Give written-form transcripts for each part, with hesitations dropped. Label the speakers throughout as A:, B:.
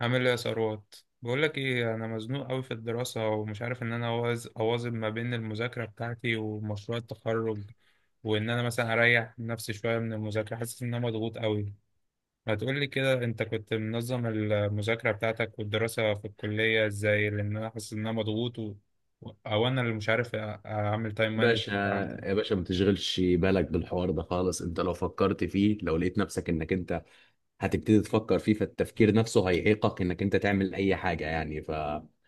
A: عامل ايه يا ثروت؟ بقول لك ايه، انا مزنوق قوي في الدراسه ومش عارف ان انا اواظب ما بين المذاكره بتاعتي ومشروع التخرج، وان انا مثلا اريح نفسي شويه من المذاكره حاسس ان انا مضغوط قوي. ما تقول لي كده، انت كنت منظم المذاكره بتاعتك والدراسه في الكليه ازاي؟ لان انا حاسس ان انا مضغوط. او انا اللي مش عارف اعمل تايم
B: باشا،
A: مانجمنت عندي.
B: يا باشا ما تشغلش بالك بالحوار ده خالص. انت لو فكرت فيه، لو لقيت نفسك انك انت هتبتدي تفكر فيه، فالتفكير نفسه هيعيقك انك انت تعمل اي حاجة يعني. فانا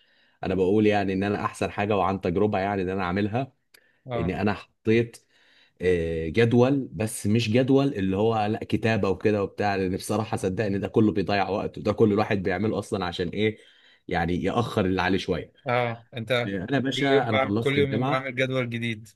B: بقول يعني ان انا احسن حاجة، وعن تجربة يعني ان انا عاملها، ان
A: اه،
B: انا حطيت جدول. بس مش جدول اللي هو لا كتابة وكده وبتاع، لان بصراحة صدقني ده كله بيضيع وقت، وده كل الواحد بيعمله اصلا. عشان ايه يعني؟ يأخر اللي عليه شوية.
A: اه، انت
B: انا يا باشا انا خلصت
A: كل يومين
B: الجامعة.
A: بعمل جدول جديد.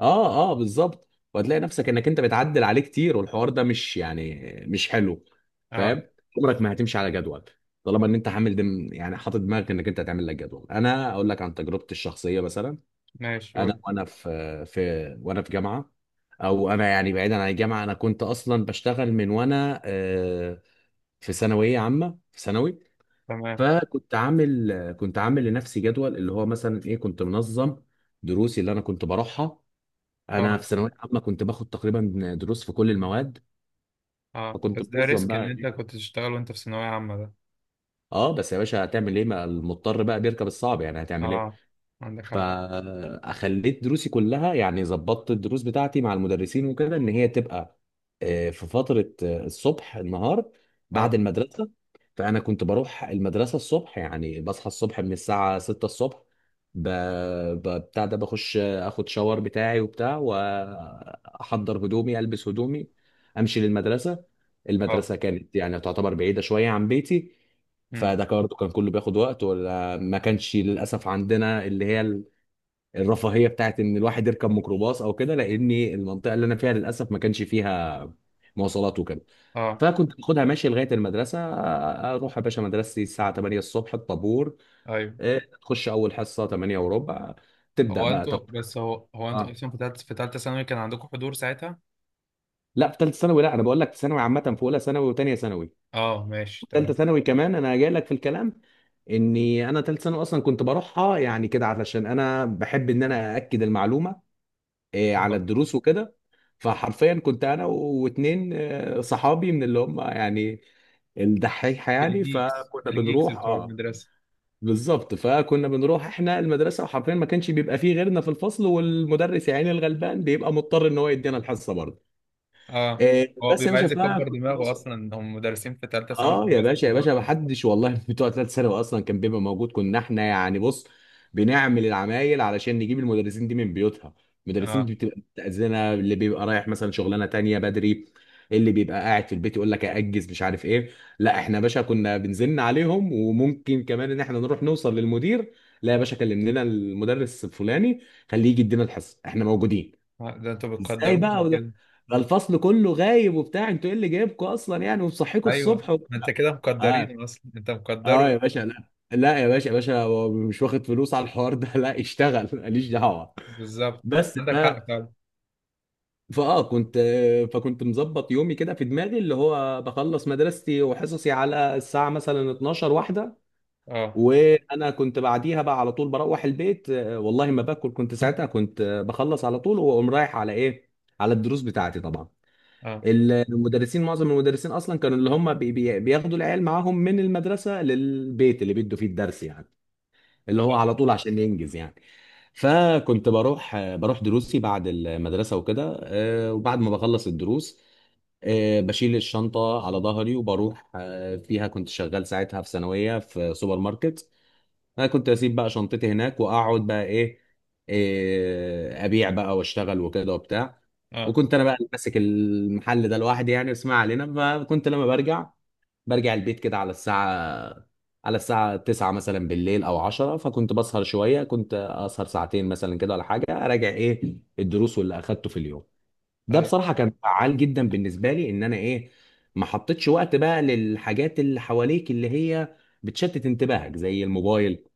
B: اه، اه، بالظبط. وهتلاقي نفسك انك انت بتعدل عليه كتير، والحوار ده مش يعني مش حلو.
A: اه
B: فاهم؟ عمرك ما هتمشي على جدول طالما ان انت حامل دم، يعني حاطط دماغك انك انت هتعمل لك جدول. انا اقول لك عن تجربتي الشخصيه مثلا.
A: ماشي
B: انا
A: قول.
B: وانا في وانا في جامعه، او انا يعني بعيدا عن الجامعه انا كنت اصلا بشتغل من وانا في ثانويه عامه، في ثانوي.
A: تمام.
B: فكنت عامل، كنت عامل لنفسي جدول اللي هو مثلا ايه، كنت منظم دروسي اللي انا كنت بروحها. انا في
A: اه،
B: ثانويه عامه كنت باخد تقريبا دروس في كل المواد.
A: اه،
B: فكنت
A: بس ده
B: منظم
A: ريسك
B: بقى
A: ان انت
B: ايه.
A: كنت تشتغل وانت في ثانوية عامة ده.
B: اه بس يا باشا هتعمل ايه؟ ما المضطر بقى بيركب الصعب، يعني هتعمل ايه؟
A: اه عندك حق.
B: فخليت دروسي كلها، يعني ظبطت الدروس بتاعتي مع المدرسين وكده ان هي تبقى في فترة، الصبح، النهار،
A: اه،
B: بعد المدرسة. فأنا كنت بروح المدرسة الصبح يعني، بصحى الصبح من الساعة 6 الصبح، ب... بتاع ده، بخش اخد شاور بتاعي وبتاع، واحضر هدومي، البس هدومي، امشي للمدرسة.
A: اه،
B: المدرسة كانت يعني تعتبر بعيدة شوية عن بيتي.
A: امم،
B: فده برضه كان كله بياخد وقت. ما كانش للاسف عندنا اللي هي الرفاهيه بتاعت ان الواحد يركب ميكروباص او كده، لان المنطقه اللي انا فيها للاسف ما كانش فيها مواصلات وكده.
A: اه،
B: فكنت باخدها ماشي لغايه المدرسه. اروح يا باشا مدرستي الساعه 8 الصبح الطابور،
A: ايوه.
B: تخش اول حصه 8 وربع، تبدا بقى تاخد حصه.
A: هو انتوا
B: اه.
A: اصلا في تالتة ثانوي كان عندكم حضور ساعتها؟
B: لا، في ثالثه ثانوي لا، انا بقول لك ثانوي عامه في اولى ثانوي وثانيه ثانوي.
A: اه ماشي
B: ثالثه
A: تمام.
B: ثانوي كمان انا جاي لك في الكلام، اني انا ثالثه ثانوي اصلا كنت بروحها يعني كده علشان انا بحب ان انا ااكد المعلومه على
A: آه.
B: الدروس وكده. فحرفيا كنت انا واتنين صحابي من اللي هم يعني الدحيحه يعني،
A: الجيكس،
B: فكنا
A: الجيكس
B: بنروح.
A: بتوع
B: اه،
A: المدرسة.
B: بالظبط. فكنا بنروح احنا المدرسه، وحرفيا ما كانش بيبقى فيه غيرنا في الفصل، والمدرس يا عيني الغلبان بيبقى مضطر ان هو يدينا الحصه برضه.
A: اه، هو
B: بس يا
A: بيبقى
B: باشا
A: عايز يكبر
B: فكنت
A: دماغه
B: بوصل.
A: اصلا، هم مدرسين في تالتة ثانوي
B: اه
A: بيبقوا
B: يا
A: عايزين
B: باشا، يا
A: يكبروا
B: باشا ما
A: دماغهم.
B: حدش والله بتوع ثلاث ثانوي اصلا كان بيبقى موجود. كنا احنا يعني بص بنعمل العمايل علشان نجيب المدرسين دي من بيوتها. المدرسين
A: اه،
B: دي بتبقى متأذنة، اللي بيبقى رايح مثلا شغلانه تانية بدري، اللي بيبقى قاعد في البيت يقول لك ااجز مش عارف ايه. لا احنا يا باشا كنا بنزن عليهم، وممكن كمان ان احنا نروح نوصل للمدير: لا يا باشا كلم لنا المدرس الفلاني، خليه يجي يدينا الحصه، احنا موجودين.
A: ده انتوا
B: ازاي بقى
A: بتقدروهم
B: وده،
A: كده.
B: ده الفصل كله غايب وبتاع، انتوا ايه اللي جايبكم اصلا يعني ومصحيكوا
A: ايوه،
B: الصبح.
A: ده انت كده
B: اه.
A: مقدرين، اصلا انت
B: اه يا
A: مقدره.
B: باشا، لا لا يا باشا، يا باشا هو مش واخد فلوس على الحوار ده، لا اشتغل ماليش دعوه.
A: بالظبط.
B: بس ف
A: عندك حق فعلا.
B: فاه كنت فكنت مظبط يومي كده في دماغي اللي هو بخلص مدرستي وحصصي على الساعه مثلا 12 واحده،
A: اه،
B: وانا كنت بعديها بقى على طول بروح البيت. والله ما باكل، كنت ساعتها كنت بخلص على طول واقوم رايح على ايه، على الدروس بتاعتي طبعا.
A: اه،
B: المدرسين، معظم المدرسين اصلا كانوا اللي هم بي بي بياخدوا العيال معاهم من المدرسه للبيت اللي بيدوا فيه الدرس يعني، اللي هو على طول عشان ينجز يعني. فكنت بروح دروسي بعد المدرسة وكده. وبعد ما بخلص الدروس بشيل الشنطة على ظهري وبروح فيها. كنت شغال ساعتها في ثانوية في سوبر ماركت. أنا كنت أسيب بقى شنطتي هناك وأقعد بقى إيه، أبيع بقى وأشتغل وكده وبتاع.
A: اه،
B: وكنت أنا بقى اللي ماسك المحل ده لوحدي، يعني اسمع علينا. فكنت لما برجع، البيت كده على الساعة، 9 مثلا بالليل أو 10. فكنت بسهر شوية، كنت أسهر ساعتين مثلا كده ولا حاجة، أراجع إيه الدروس واللي أخدته في اليوم. ده
A: ايوه.
B: بصراحة كان فعال جدا بالنسبة لي إن أنا إيه، ما حطيتش وقت بقى للحاجات اللي حواليك اللي هي بتشتت انتباهك زي الموبايل،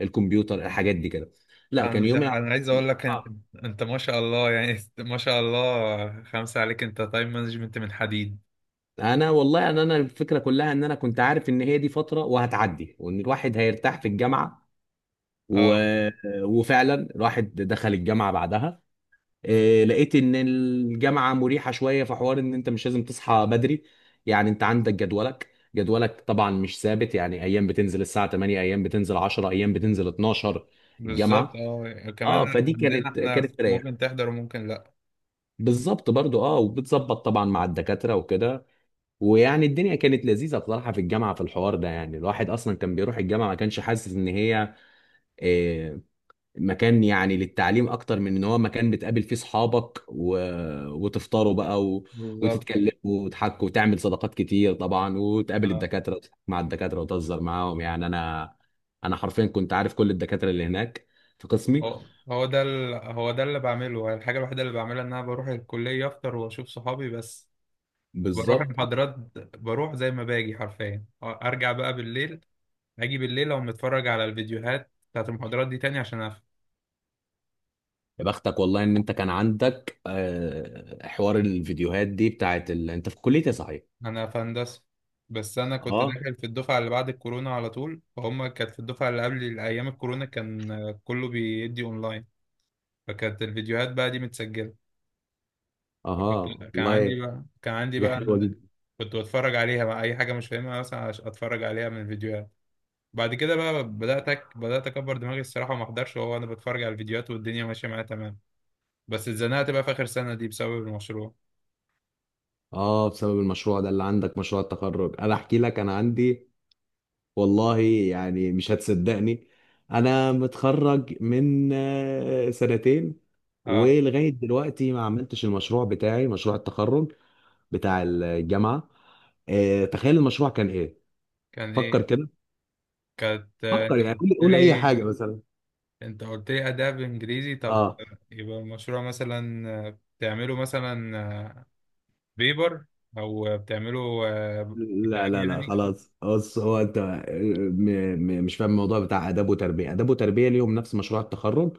B: الكمبيوتر، الحاجات دي كده. لا،
A: انا
B: كان
A: مش،
B: يومي
A: انا عايز اقول لك، انت ما شاء الله يعني، ما شاء الله خمسة عليك، انت تايم مانجمنت من حديد.
B: انا والله انا الفكره كلها ان انا كنت عارف ان هي دي فتره وهتعدي، وان الواحد هيرتاح في الجامعه و...
A: اه.
B: وفعلا راحت دخل الجامعه بعدها. لقيت ان الجامعه مريحه شويه في حوار ان انت مش لازم تصحى بدري يعني. انت عندك جدولك، طبعا مش ثابت يعني، ايام بتنزل الساعه 8، ايام بتنزل 10، ايام بتنزل 12
A: بالظبط.
B: الجامعه.
A: اه كمان.
B: اه، فدي
A: عندنا
B: كانت،
A: احنا
B: تريح.
A: ممكن تحضر وممكن لا.
B: بالظبط برضو. اه، وبتظبط طبعا مع الدكاتره وكده. ويعني الدنيا كانت لذيذه بصراحه في الجامعه، في الحوار ده. يعني الواحد اصلا كان بيروح الجامعه ما كانش حاسس ان هي آه، مكان يعني للتعليم اكتر من ان هو مكان بتقابل فيه صحابك وتفطروا بقى
A: بالظبط.
B: وتتكلموا وتحكوا وتعمل صداقات كتير طبعا، وتقابل
A: اه،
B: الدكاتره وتحكي مع الدكاتره وتهزر معاهم يعني. انا حرفيا كنت عارف كل الدكاتره اللي هناك في قسمي.
A: هو هو هو ده اللي بعمله. الحاجة الوحيدة اللي بعملها ان انا بروح الكلية افطر واشوف صحابي بس. بروح
B: بالظبط.
A: المحاضرات. بروح زي ما باجي حرفيا ارجع بقى بالليل. اجي بالليل، او متفرج على الفيديوهات بتاعت المحاضرات دي تاني عشان
B: يا بختك والله ان انت كان عندك حوار الفيديوهات دي بتاعت انت في كليه إيه صحيح؟
A: انا في هندسه. بس انا كنت
B: اه.
A: داخل في الدفعه اللي بعد الكورونا على طول، فهم كانت في الدفعه اللي قبل ايام الكورونا كان كله بيدي اونلاين. فكانت الفيديوهات بقى دي متسجله.
B: اه
A: كان عندي
B: والله،
A: بقى كان عندي
B: حاجه
A: بقى
B: حلوه جدا.
A: كنت بتفرج عليها بقى اي حاجه مش فاهمها مثلا، اتفرج عليها من الفيديوهات. بعد كده بقى بدات اكبر دماغي الصراحه، وما احضرش وهو انا بتفرج على الفيديوهات والدنيا ماشيه معايا تمام. بس اتزنقت بقى في اخر سنه دي بسبب المشروع.
B: اه، بسبب المشروع ده اللي عندك، مشروع التخرج. انا احكي لك، انا عندي والله يعني مش هتصدقني، انا متخرج من سنتين
A: اه،
B: ولغايه دلوقتي ما عملتش المشروع بتاعي، مشروع التخرج بتاع الجامعه. تخيل المشروع كان ايه.
A: كان
B: فكر
A: ايه؟
B: كده.
A: كانت آه،
B: فكر
A: انت
B: يعني،
A: قلت
B: قول اي
A: لي
B: حاجه مثلا.
A: انت قلت لي اداء بانجليزي. طب
B: اه.
A: يبقى المشروع مثلا بتعمله مثلا بيبر، او بتعمله كتاب
B: لا لا لا،
A: يعني؟
B: خلاص بص، هو انت مش فاهم الموضوع بتاع اداب وتربيه، اداب وتربيه ليهم نفس مشروع التخرج،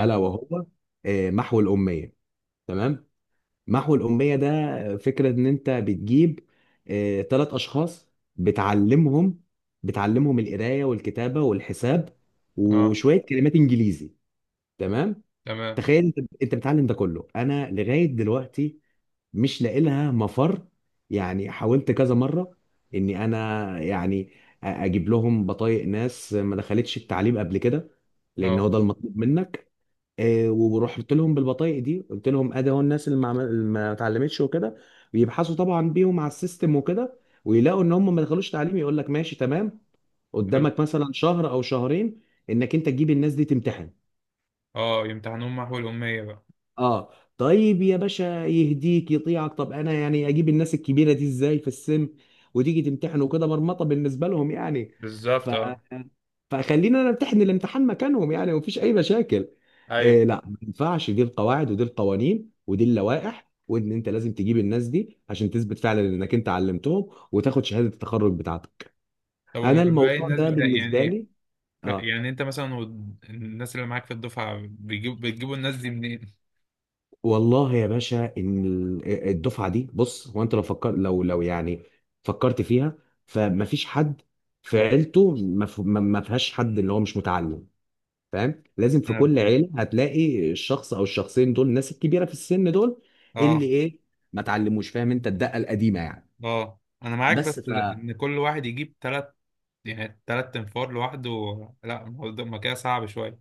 B: الا وهو محو الاميه. تمام. محو الأمية ده فكرة إن أنت بتجيب تلات أشخاص، بتعلمهم بتعلمهم القراية والكتابة والحساب
A: اه
B: وشوية كلمات إنجليزي. تمام.
A: تمام.
B: تخيل أنت، بتعلم ده كله، أنا لغاية دلوقتي مش لاقي لها مفر. يعني حاولت كذا مرة إني أنا يعني أجيب لهم بطايق ناس ما دخلتش التعليم قبل كده، لأن هو
A: اه
B: ده المطلوب منك. ورحت لهم بالبطايق دي قلت لهم ادي اهو الناس اللي ما عمل- اللي ما اتعلمتش وكده، بيبحثوا طبعا بيهم على السيستم وكده، ويلاقوا ان هم ما دخلوش تعليم، يقول لك ماشي تمام
A: حلو.
B: قدامك مثلا شهر او شهرين انك انت تجيب الناس دي تمتحن.
A: اه، يمتحنون محو الأمية بقى.
B: اه. طيب يا باشا يهديك يطيعك، طب انا يعني اجيب الناس الكبيره دي ازاي في السن، وتيجي تمتحنوا كده، مرمطه بالنسبه لهم يعني. ف
A: بالظبط. اه،
B: فخلينا انا امتحن الامتحان مكانهم يعني، ومفيش اي مشاكل.
A: ايوه.
B: إيه لا، ما ينفعش، دي القواعد ودي القوانين ودي اللوائح، وان انت لازم تجيب الناس دي عشان تثبت فعلا انك انت علمتهم وتاخد شهاده التخرج بتاعتك.
A: طب وما
B: انا
A: باقي
B: الموضوع
A: الناس
B: ده
A: بتاع
B: بالنسبه
A: يعني؟
B: لي. اه
A: يعني انت مثلا الناس اللي معاك في الدفعة بتجيبوا الناس دي منين؟
B: والله يا باشا ان الدفعه دي بص، هو انت لو فكر، لو يعني فكرت فيها، فمفيش حد في عيلته ما ف- ما- ما فيهاش حد اللي هو مش متعلم. فاهم؟ لازم في كل عيله هتلاقي الشخص او الشخصين دول، الناس الكبيره في السن دول، اللي
A: اه،
B: ايه ما اتعلموش، فاهم انت الدقه القديمه يعني.
A: اه، انا معاك
B: بس
A: بس
B: فهي
A: ان كل واحد يجيب تلات، يعني تلات تنفار لوحده. لا الموضوع ما كده، صعب شوية.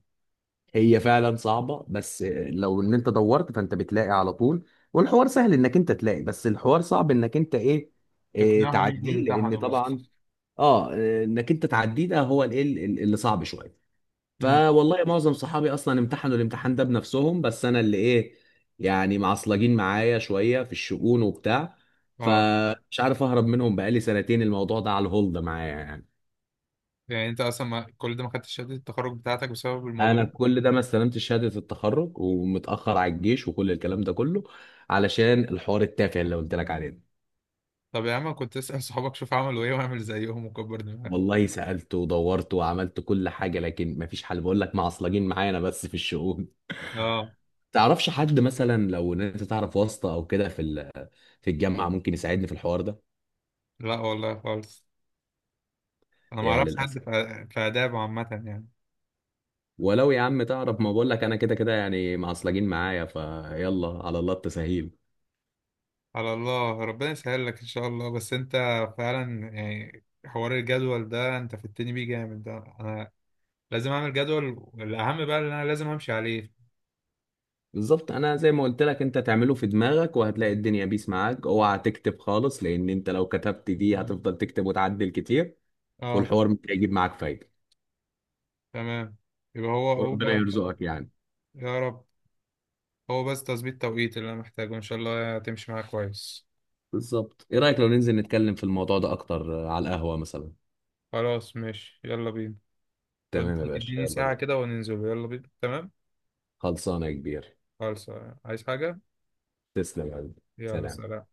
B: فعلا صعبه، بس لو ان انت دورت فانت بتلاقي على طول. والحوار سهل انك انت تلاقي، بس الحوار صعب انك انت ايه،
A: تقنعهم يجوا
B: تعديه لان
A: يمتحنوا بقى.
B: طبعا. اه. انك انت تعديه ده هو الايه اللي صعب شويه.
A: امم.
B: فوالله معظم صحابي اصلا امتحنوا الامتحان ده بنفسهم، بس انا اللي ايه، يعني معصلجين معايا شويه في الشؤون وبتاع.
A: اه،
B: فمش عارف اهرب منهم، بقالي سنتين الموضوع ده على الهولد معايا يعني.
A: يعني انت اصلا ما كل ده ما خدتش شهادة التخرج بتاعتك بسبب الموضوع
B: انا
A: ده؟
B: كل ده ما استلمتش شهاده التخرج، ومتاخر على الجيش، وكل الكلام ده كله علشان الحوار التافه اللي قلت لك عليه ده.
A: طب يا عم كنت اسأل صحابك، شوف عملوا ايه واعمل زيهم وكبر دماغك.
B: والله سالت ودورت وعملت كل حاجه لكن مفيش حل، بقول لك معصلجين معايا انا بس في الشؤون.
A: اه.
B: تعرفش حد مثلا لو ان انت تعرف واسطة او كده في في الجامعة ممكن يساعدني في الحوار ده؟
A: لا والله خالص، انا ما
B: يا
A: اعرفش حد في
B: للاسف.
A: في آداب عامة يعني.
B: ولو يا عم تعرف، ما بقول لك انا كده كده يعني معصلجين معايا، فيلا على الله التسهيل.
A: على الله، ربنا يسهل لك ان شاء الله. بس انت فعلا يعني، حوار الجدول ده انت فتني بيه جامد، ده انا لازم اعمل جدول الاهم بقى اللي انا لازم امشي عليه.
B: بالظبط. انا زي ما قلت لك، انت تعمله في دماغك وهتلاقي الدنيا بيس معاك. اوعى تكتب خالص لان انت لو كتبت دي هتفضل تكتب وتعدل كتير،
A: اه
B: والحوار مش هيجيب معاك فايدة.
A: تمام. يبقى هو
B: وربنا
A: هو.
B: يرزقك يعني.
A: يا رب. هو بس تظبيط توقيت اللي انا محتاجه، ان شاء الله هتمشي معاك كويس.
B: بالظبط. ايه رأيك لو ننزل نتكلم في الموضوع ده اكتر على القهوة مثلا؟
A: خلاص ماشي يلا بينا.
B: تمام يا
A: اديني،
B: باشا
A: اديني
B: يلا
A: ساعة
B: بينا.
A: كده وننزل، يلا بينا تمام.
B: خلصانة يا كبير.
A: خلاص. عايز حاجة؟
B: تسلم يا حبيبي،
A: يلا
B: سلام.
A: سلام.